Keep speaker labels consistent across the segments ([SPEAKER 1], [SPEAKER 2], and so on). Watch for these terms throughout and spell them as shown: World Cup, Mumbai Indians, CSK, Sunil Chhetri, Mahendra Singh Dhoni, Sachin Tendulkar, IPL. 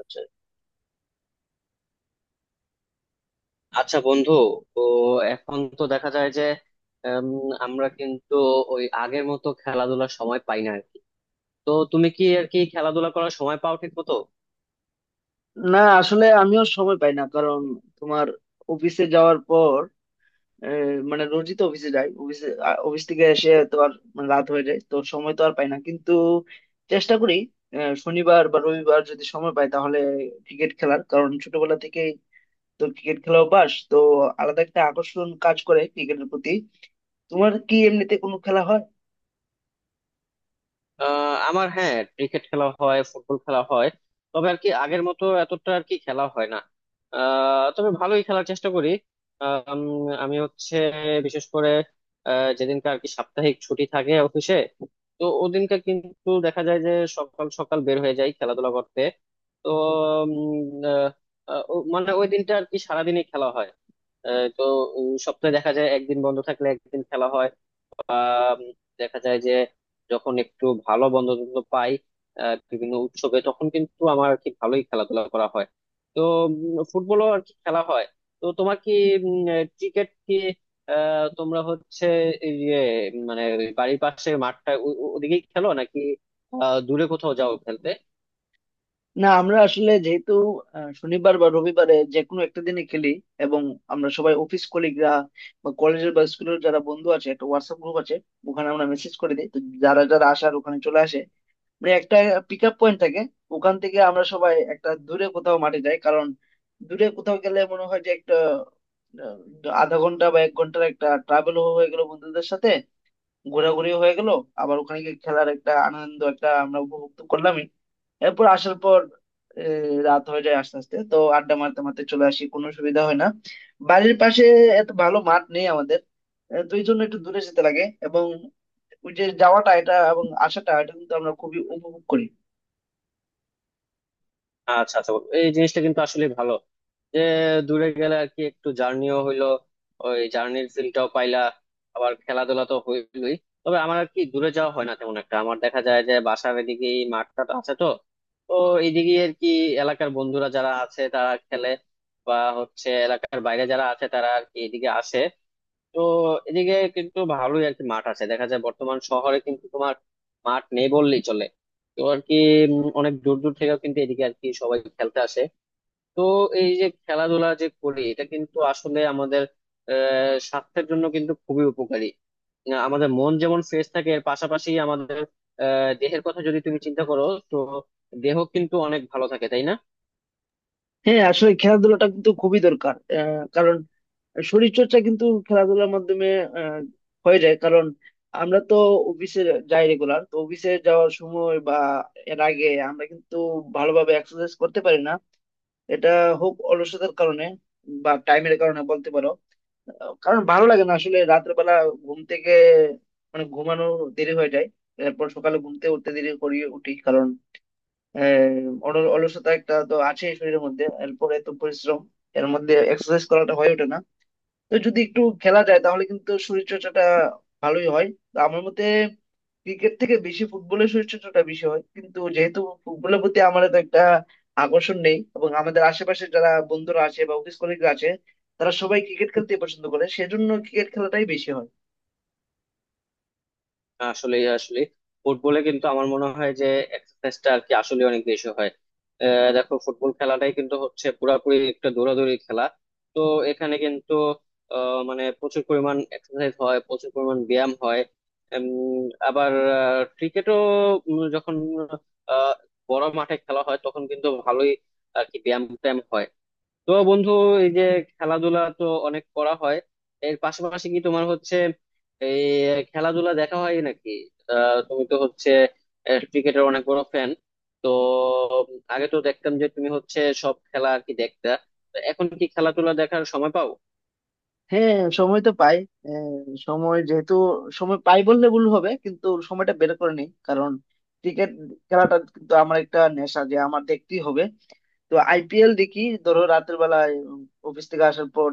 [SPEAKER 1] আচ্ছা, আচ্ছা, বন্ধু। তো এখন তো দেখা যায় যে উম, আমরা কিন্তু ওই আগের মতো খেলাধুলার সময় পাই না আর কি। তো তুমি কি আর কি খেলাধুলা করার সময় পাও ঠিক মতো?
[SPEAKER 2] না, আসলে আমিও সময় পাই না কারণ তোমার অফিসে যাওয়ার পর মানে রোজই তো অফিসে যাই। অফিসে অফিস থেকে এসে তো আর মানে রাত হয়ে যায়, তো সময় তো আর পাই না, কিন্তু চেষ্টা করি শনিবার বা রবিবার যদি সময় পাই তাহলে ক্রিকেট খেলার, কারণ ছোটবেলা থেকেই তো ক্রিকেট খেলা অভ্যাস, তো আলাদা একটা আকর্ষণ কাজ করে ক্রিকেটের প্রতি। তোমার কি এমনিতে কোনো খেলা হয়?
[SPEAKER 1] আমার, হ্যাঁ, ক্রিকেট খেলা হয়, ফুটবল খেলা হয়। তবে আর কি আগের মতো এতটা আর কি খেলা হয় না। তবে ভালোই খেলার চেষ্টা করি। আমি হচ্ছে বিশেষ করে যেদিনকার আর কি সাপ্তাহিক ছুটি থাকে অফিসে, তো ওদিনকার কিন্তু দেখা যায় যে সকাল সকাল বের হয়ে যাই খেলাধুলা করতে। তো উম, আহ, আহ, ও- মানে ওই দিনটা আর কি সারাদিনই খেলা হয়। তো সপ্তাহে দেখা যায় একদিন বন্ধ থাকলে একদিন খেলা হয়। বা দেখা যায় যে যখন একটু ভালো বন্ধু টন্ধু পাই, বিভিন্ন উৎসবে, তখন কিন্তু আমার আর কি ভালোই খেলাধুলা করা হয়। তো ফুটবলও আর কি খেলা হয়। তো তোমার কি ক্রিকেট কি, তোমরা হচ্ছে এই যে মানে বাড়ির পাশে মাঠটা ওদিকেই খেলো নাকি, দূরে কোথাও যাও খেলতে?
[SPEAKER 2] না, আমরা আসলে যেহেতু শনিবার বা রবিবারে যে কোনো একটা দিনে খেলি, এবং আমরা সবাই অফিস কলিগরা বা কলেজের বা স্কুলের যারা বন্ধু আছে, একটা হোয়াটসঅ্যাপ গ্রুপ আছে, ওখানে আমরা মেসেজ করে দিই, তো যারা যারা আসার ওখানে চলে আসে। মানে একটা পিক আপ পয়েন্ট থাকে, ওখান থেকে আমরা সবাই একটা দূরে কোথাও মাঠে যাই, কারণ দূরে কোথাও গেলে মনে হয় যে একটা আহ, আধা ঘন্টা বা এক ঘন্টার একটা ট্রাভেল হয়ে গেল বন্ধুদের সাথে, ঘোরাঘুরি হয়ে গেল, আবার ওখানে গিয়ে খেলার একটা আনন্দ একটা আমরা উপভোগ করলাম। এরপর আসার পর রাত হয়ে যায় আস্তে আস্তে, তো আড্ডা মারতে মারতে চলে আসি, কোনো সুবিধা হয় না। বাড়ির পাশে এত ভালো মাঠ নেই আমাদের, তো এই জন্য একটু দূরে যেতে লাগে, এবং ওই যে যাওয়াটা এটা এবং আসাটা এটা কিন্তু আমরা খুবই উপভোগ করি।
[SPEAKER 1] আচ্ছা, আচ্ছা, এই জিনিসটা কিন্তু আসলে ভালো, যে দূরে গেলে আর কি একটু জার্নিও হইলো, ওই জার্নির ফিলটাও পাইলা, আবার খেলাধুলা তো হইলোই। তবে আমার আর কি দূরে যাওয়া হয় না তেমন একটা। আমার দেখা যায় যে বাসার এদিকে মাঠটা আছে তো। তো এইদিকে আর কি এলাকার বন্ধুরা যারা আছে তারা খেলে, বা হচ্ছে এলাকার বাইরে যারা আছে তারা আর কি এদিকে আসে। তো এদিকে কিন্তু ভালোই আর কি মাঠ আছে দেখা যায়। বর্তমান শহরে কিন্তু তোমার মাঠ নেই বললেই চলে। তো আর কি অনেক দূর দূর থেকেও কিন্তু এদিকে আর কি সবাই খেলতে আসে। তো এই যে খেলাধুলা যে করি, এটা কিন্তু আসলে আমাদের স্বাস্থ্যের জন্য কিন্তু খুবই উপকারী। আমাদের মন যেমন ফ্রেশ থাকে, এর পাশাপাশি আমাদের আহ দেহের কথা যদি তুমি চিন্তা করো, তো দেহ কিন্তু অনেক ভালো থাকে, তাই না?
[SPEAKER 2] হ্যাঁ, আসলে খেলাধুলাটা কিন্তু খুবই দরকার, কারণ শরীর চর্চা কিন্তু খেলাধুলার মাধ্যমে আহ, হয়ে যায়, কারণ আমরা তো অফিসে যাই রেগুলার, তো অফিসে যাওয়ার সময় বা এর আগে আমরা কিন্তু ভালোভাবে এক্সারসাইজ করতে পারি না। এটা হোক অলসতার কারণে বা টাইমের কারণে বলতে পারো, কারণ ভালো লাগে না আসলে। রাতের বেলা ঘুম থেকে মানে ঘুমানো দেরি হয়ে যায়, এরপর সকালে ঘুমতে উঠতে দেরি করি উঠি, কারণ অলসতা একটা তো আছে শরীরের মধ্যে, এরপর এত পরিশ্রম, এর মধ্যে এক্সারসাইজ করাটা হয়ে ওঠে না। তো যদি একটু খেলা যায় তাহলে কিন্তু শরীর চর্চাটা ভালোই হয়। তো আমার মতে ক্রিকেট থেকে বেশি ফুটবলের শরীর চর্চাটা বেশি হয়, কিন্তু যেহেতু ফুটবলের প্রতি আমার তো একটা আকর্ষণ নেই, এবং আমাদের আশেপাশে যারা বন্ধুরা আছে বা অফিস কলিগরা আছে তারা সবাই ক্রিকেট খেলতে পছন্দ করে, সেজন্য ক্রিকেট খেলাটাই বেশি হয়।
[SPEAKER 1] আসলে আসলে ফুটবলে কিন্তু আমার মনে হয় যে এক্সারসাইজটা আর কি আসলে অনেক বেশি হয়। দেখো, ফুটবল খেলাটাই কিন্তু হচ্ছে পুরাপুরি একটা দৌড়াদৌড়ি খেলা। তো এখানে কিন্তু মানে প্রচুর পরিমাণ এক্সারসাইজ হয়, প্রচুর পরিমাণ ব্যায়াম হয়। উম, আবার ক্রিকেটও যখন আহ, বড় মাঠে খেলা হয় তখন কিন্তু ভালোই আর কি ব্যায়াম ট্যায়াম হয়। তো বন্ধু, এই যে খেলাধুলা তো অনেক করা হয়, এর পাশাপাশি কি তোমার হচ্ছে এই খেলাধুলা দেখা হয় নাকি? তুমি তো হচ্ছে ক্রিকেটের অনেক বড় ফ্যান। তো আগে তো দেখতাম যে তুমি হচ্ছে সব খেলা আর কি দেখতা। তো এখন কি খেলাধুলা দেখার সময় পাও?
[SPEAKER 2] হ্যাঁ, সময় তো পাই। আহ, সময় যেহেতু সময় পাই বললে ভুল হবে, কিন্তু সময়টা বের করে নিই, কারণ ক্রিকেট খেলাটা কিন্তু আমার একটা নেশা, যে আমার দেখতেই হবে। তো আইপিএল দেখি, ধরো রাতের বেলায় অফিস থেকে আসার পর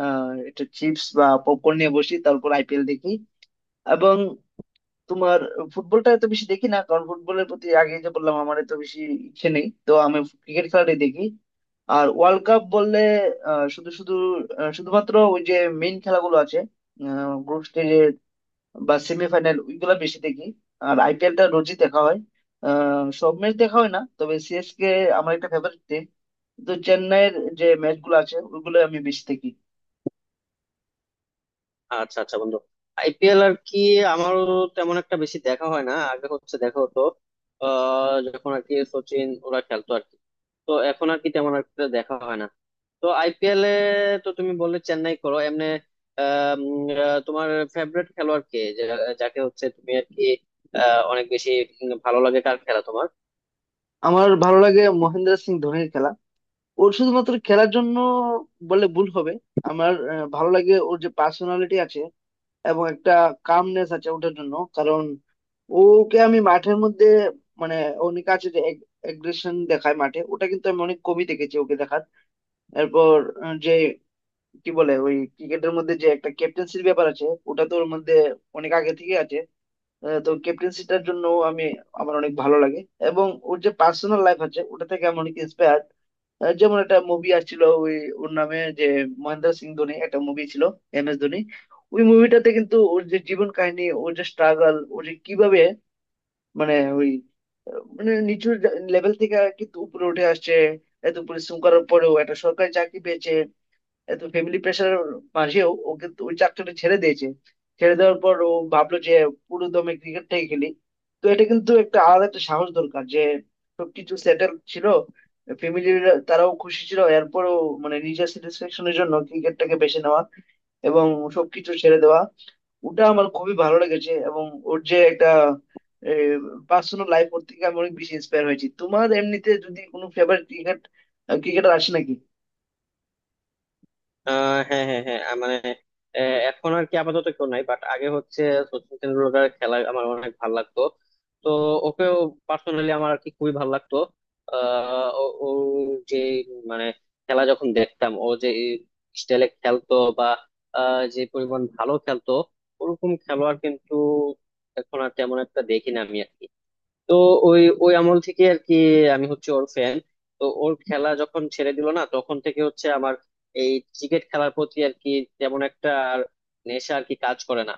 [SPEAKER 2] একটা চিপস বা পপকর্ন নিয়ে বসি, তারপর আইপিএল দেখি। এবং তোমার ফুটবলটা এত বেশি দেখি না, কারণ ফুটবলের প্রতি আগে যে বললাম আমার এত বেশি ইচ্ছে নেই, তো আমি ক্রিকেট খেলাটাই দেখি। আর ওয়ার্ল্ড কাপ বললে আহ, শুধু শুধু আহ, শুধুমাত্র ওই যে মেইন খেলাগুলো আছে গ্রুপ স্টেজের বা সেমিফাইনাল ওইগুলা বেশি দেখি। আর আইপিএলটা রোজই দেখা হয়। সব ম্যাচ দেখা হয় না, তবে সিএসকে আমার একটা ফেভারিট টিম, তো চেন্নাইয়ের যে ম্যাচ গুলো আছে ওইগুলো আমি বেশি দেখি।
[SPEAKER 1] আচ্ছা, আচ্ছা, বন্ধু। আইপিএল আর কি আমারও তেমন একটা বেশি দেখা হয় না, আগে হচ্ছে দেখা হতো। যখন আর কি সচিন ওরা খেলতো আর কি, তো এখন আর কি তেমন একটা দেখা হয় না। তো আইপিএল এ তো তুমি বললে চেন্নাই করো এমনি। তোমার ফেভারিট খেলোয়াড় কে, যাকে হচ্ছে তুমি আর কি অনেক বেশি ভালো লাগে? কার খেলা তোমার?
[SPEAKER 2] আমার ভালো লাগে মহেন্দ্র সিং ধোনির খেলা। ওর শুধুমাত্র খেলার জন্য বলে ভুল হবে, আমার ভালো লাগে ওর যে পার্সোনালিটি আছে এবং একটা কামনেস আছে ওটার জন্য, কারণ ওকে আমি মাঠের মধ্যে মানে অনেক আছে যে এগ্রেশন দেখায় মাঠে, ওটা কিন্তু আমি অনেক কমই দেখেছি ওকে দেখার। এরপর যে কি বলে ওই ক্রিকেটের মধ্যে যে একটা ক্যাপ্টেন্সির ব্যাপার আছে ওটা তো ওর মধ্যে অনেক আগে থেকে আছে। তো ক্যাপ্টেন্সিটার জন্য আমি আমার অনেক ভালো লাগে। এবং ওর যে পার্সোনাল লাইফ আছে ওটা থেকে আমি অনেক ইন্সপায়ার। যেমন একটা মুভি আসছিল ওই ওর নামে, যে মহেন্দ্র সিং ধোনি একটা মুভি ছিল, MS ধোনি। ওই মুভিটাতে কিন্তু ওর যে জীবন কাহিনী, ওর যে স্ট্রাগল, ও যে কিভাবে মানে মানে নিচু লেভেল থেকে কিন্তু উপরে উঠে আসছে, এত পরিশ্রম করার পরেও একটা সরকারি চাকরি পেয়েছে, এত ফ্যামিলি প্রেশারের মাঝেও ওই চাকরিটা ছেড়ে দিয়েছে। ছেড়ে দেওয়ার পর ও ভাবলো যে পুরো দমে ক্রিকেটটাই খেলি। তো এটা কিন্তু একটা আলাদা একটা সাহস দরকার, যে সবকিছু সেটেল ছিল, ফ্যামিলি তারাও খুশি ছিল, এরপরও মানে নিজের স্যাটিসফ্যাকশনের জন্য ক্রিকেটটাকে বেছে নেওয়া এবং সবকিছু ছেড়ে দেওয়া, ওটা আমার খুবই ভালো লেগেছে। এবং ওর যে একটা পার্সোনাল লাইফ ওর থেকে আমি অনেক বেশি ইন্সপায়ার হয়েছি। তোমার এমনিতে যদি কোনো ফেভারিট ক্রিকেটার আসে নাকি?
[SPEAKER 1] হ্যাঁ, হ্যাঁ, হ্যাঁ, মানে এখন আর কি আপাতত কেউ নাই, বাট আগে হচ্ছে সচিন তেন্ডুলকারের খেলা আমার অনেক ভালো লাগতো। তো ওকেও পার্সোনালি আমার আর কি খুবই ভালো লাগতো। ও ও যে মানে, খেলা যখন দেখতাম, ও যে স্টাইলে খেলতো, বা যে পরিমাণ ভালো খেলতো, ওরকম খেলোয়াড় কিন্তু এখন আর তেমন একটা দেখি না আমি আর কি। তো ওই ওই আমল থেকে আর কি আমি হচ্ছে ওর ফ্যান। তো ওর খেলা যখন ছেড়ে দিল না, তখন থেকে হচ্ছে আমার এই ক্রিকেট খেলার প্রতি আর কি তেমন একটা আর নেশা আর কি কাজ করে না।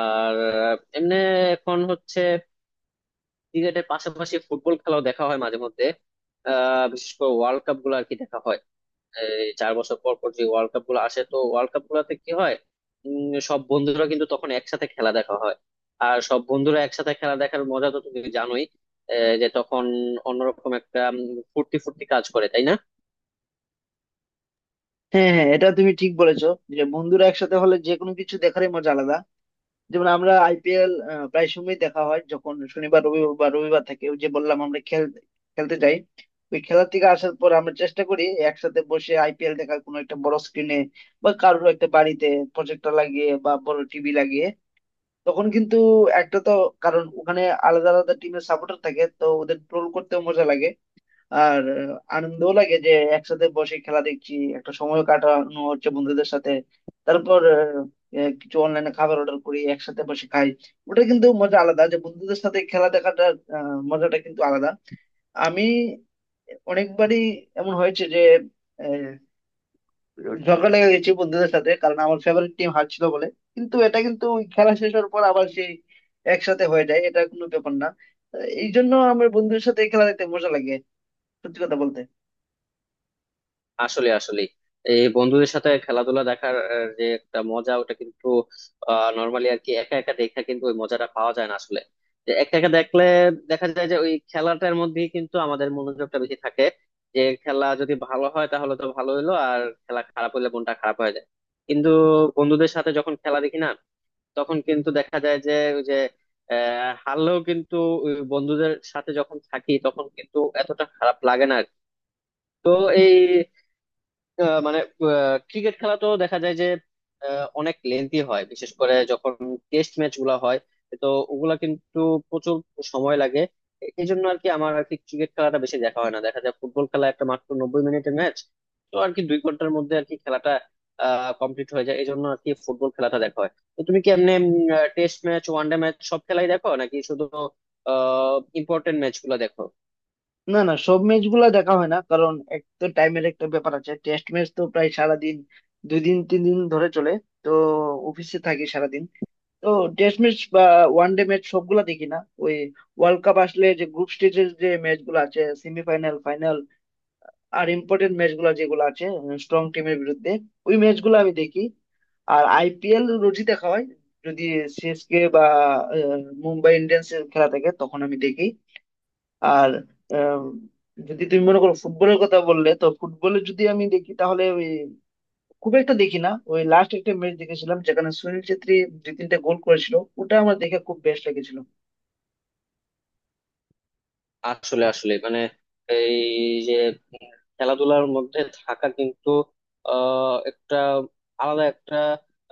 [SPEAKER 1] আর এমনি এখন হচ্ছে ক্রিকেটের পাশাপাশি ফুটবল খেলাও দেখা হয় মাঝে মধ্যে। বিশেষ করে ওয়ার্ল্ড কাপ গুলো আর কি দেখা হয়। এই 4 বছর পর পর যে ওয়ার্ল্ড কাপ গুলো আসে, তো ওয়ার্ল্ড কাপ গুলাতে কি হয়, সব বন্ধুরা কিন্তু তখন একসাথে খেলা দেখা হয়। আর সব বন্ধুরা একসাথে খেলা দেখার মজা তো তুমি জানোই। যে তখন অন্যরকম একটা ফুর্তি ফুর্তি কাজ করে, তাই না?
[SPEAKER 2] হ্যাঁ হ্যাঁ, এটা তুমি ঠিক বলেছো, যে বন্ধুরা একসাথে হলে যে কোনো কিছু দেখারই মজা আলাদা। যেমন আমরা আইপিএল প্রায় সময় দেখা হয়, যখন শনিবার রবিবার বা রবিবার থাকে, ওই যে বললাম আমরা খেলতে যাই, ওই খেলা থেকে আসার পর আমরা চেষ্টা করি একসাথে বসে আইপিএল দেখার, কোনো একটা বড় স্ক্রিনে বা কারোর একটা বাড়িতে প্রজেক্টর লাগিয়ে বা বড় টিভি লাগিয়ে। তখন কিন্তু একটা তো কারণ ওখানে আলাদা আলাদা টিমের সাপোর্টার থাকে, তো ওদের ট্রোল করতেও মজা লাগে, আর আনন্দও লাগে, যে একসাথে বসে খেলা দেখছি, একটা সময় কাটানো হচ্ছে বন্ধুদের সাথে। তারপর কিছু অনলাইনে খাবার অর্ডার করি একসাথে বসে খাই। ওটা কিন্তু মজা আলাদা, যে বন্ধুদের সাথে খেলা দেখাটা মজাটা কিন্তু আলাদা। আমি অনেকবারই এমন হয়েছে যে আহ, ঝগড়া লেগে গেছি বন্ধুদের সাথে, কারণ আমার ফেভারিট টিম হারছিল বলে, কিন্তু এটা কিন্তু ওই খেলা শেষ হওয়ার পর আবার সেই একসাথে হয়ে যায়, এটা কোনো ব্যাপার না। আহ, এই জন্য আমার বন্ধুদের সাথে খেলা দেখতে মজা লাগে, সত্যি কথা বলতে।
[SPEAKER 1] আসলে আসলে এই বন্ধুদের সাথে খেলাধুলা দেখার যে একটা মজা ওটা কিন্তু নর্মালি আর কি একা একা দেখা, কিন্তু ওই মজাটা পাওয়া যায় না আসলে। যে একা একা দেখলে দেখা যায় যে ওই খেলাটার মধ্যেই কিন্তু আমাদের মনোযোগটা বেশি থাকে। যে খেলা যদি ভালো হয় তাহলে তো ভালো হইলো, আর খেলা খারাপ হইলে মনটা খারাপ হয়ে যায়। কিন্তু বন্ধুদের সাথে যখন খেলা দেখি না, তখন কিন্তু দেখা যায় যে ওই যে হারলেও কিন্তু ওই বন্ধুদের সাথে যখন থাকি তখন কিন্তু এতটা খারাপ লাগে না আর কি। তো এই মানে ক্রিকেট খেলা তো দেখা যায় যে অনেক লেন্থি হয়, বিশেষ করে যখন টেস্ট ম্যাচ গুলা হয়। তো ওগুলা কিন্তু প্রচুর সময় লাগে। এই জন্য আর কি আমার আর কি ক্রিকেট খেলাটা বেশি দেখা হয় না, দেখা যায় ফুটবল খেলা একটা মাত্র 90 মিনিটের ম্যাচ। তো আর কি 2 ঘন্টার মধ্যে আর কি খেলাটা কমপ্লিট হয়ে যায়, এই জন্য আর কি ফুটবল খেলাটা দেখা হয়। তো তুমি কি এমনি টেস্ট ম্যাচ, ওয়ানডে ম্যাচ সব খেলাই দেখো নাকি শুধু ইম্পর্টেন্ট ম্যাচ গুলা দেখো?
[SPEAKER 2] না না, সব ম্যাচ গুলা দেখা হয় না, কারণ এক তো টাইমের একটা ব্যাপার আছে। টেস্ট ম্যাচ তো প্রায় সারাদিন, দুই দিন তিন দিন ধরে চলে, তো অফিসে থাকি সারাদিন, তো টেস্ট ম্যাচ বা ওয়ান ডে ম্যাচ সবগুলা দেখি না। ওই ওয়ার্ল্ড কাপ আসলে যে গ্রুপ স্টেজের যে ম্যাচ গুলো আছে, সেমিফাইনাল ফাইনাল আর ইম্পর্টেন্ট ম্যাচ গুলা যেগুলো আছে স্ট্রং টিমের বিরুদ্ধে, ওই ম্যাচ গুলো আমি দেখি। আর আইপিএল রোজই দেখা হয়, যদি সিএসকে বা আহ, মুম্বাই ইন্ডিয়ান্স এর খেলা থাকে তখন আমি দেখি। আর আম, যদি তুমি মনে করো ফুটবলের কথা বললে, তো ফুটবলে যদি আমি দেখি তাহলে ওই খুব একটা দেখি না। ওই লাস্ট একটা ম্যাচ দেখেছিলাম যেখানে সুনীল ছেত্রী দুই তিনটা গোল করেছিল, ওটা আমার দেখে খুব বেশ লেগেছিল।
[SPEAKER 1] আসলে আসলে মানে এই যে উম খেলাধুলার মধ্যে থাকা কিন্তু একটা আলাদা একটা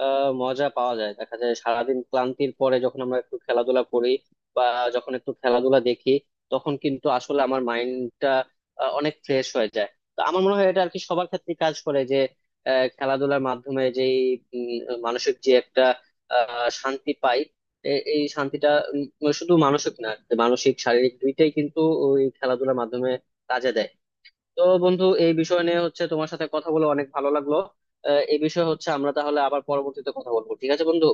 [SPEAKER 1] মজা পাওয়া যায়, দেখা যায় সারাদিন ক্লান্তির পরে যখন আমরা একটু খেলাধুলা করি, বা যখন একটু খেলাধুলা দেখি, তখন কিন্তু আসলে আমার মাইন্ডটা অনেক ফ্রেশ হয়ে যায়। তো আমার মনে হয় এটা আর কি সবার ক্ষেত্রে কাজ করে, যে খেলাধুলার মাধ্যমে যেই মানসিক যে একটা শান্তি পাই, এই শান্তিটা মানে শুধু মানসিক না, মানসিক শারীরিক দুইটাই কিন্তু ওই খেলাধুলার মাধ্যমে কাজে দেয়। তো বন্ধু, এই বিষয় নিয়ে হচ্ছে তোমার সাথে কথা বলে অনেক ভালো লাগলো। এই বিষয়ে হচ্ছে আমরা তাহলে আবার পরবর্তীতে কথা বলবো, ঠিক আছে বন্ধু?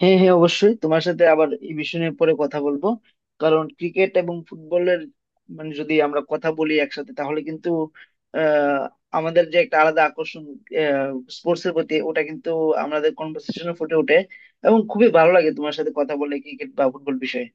[SPEAKER 2] হ্যাঁ হ্যাঁ, অবশ্যই তোমার সাথে আবার এই বিষয় নিয়ে পরে কথা বলবো, কারণ ক্রিকেট এবং ফুটবলের মানে যদি আমরা কথা বলি একসাথে তাহলে কিন্তু আহ আমাদের যে একটা আলাদা আকর্ষণ স্পোর্টস এর প্রতি, ওটা কিন্তু আমাদের কনভার্সেশনে ফুটে ওঠে। এবং খুবই ভালো লাগে তোমার সাথে কথা বলে ক্রিকেট বা ফুটবল বিষয়ে।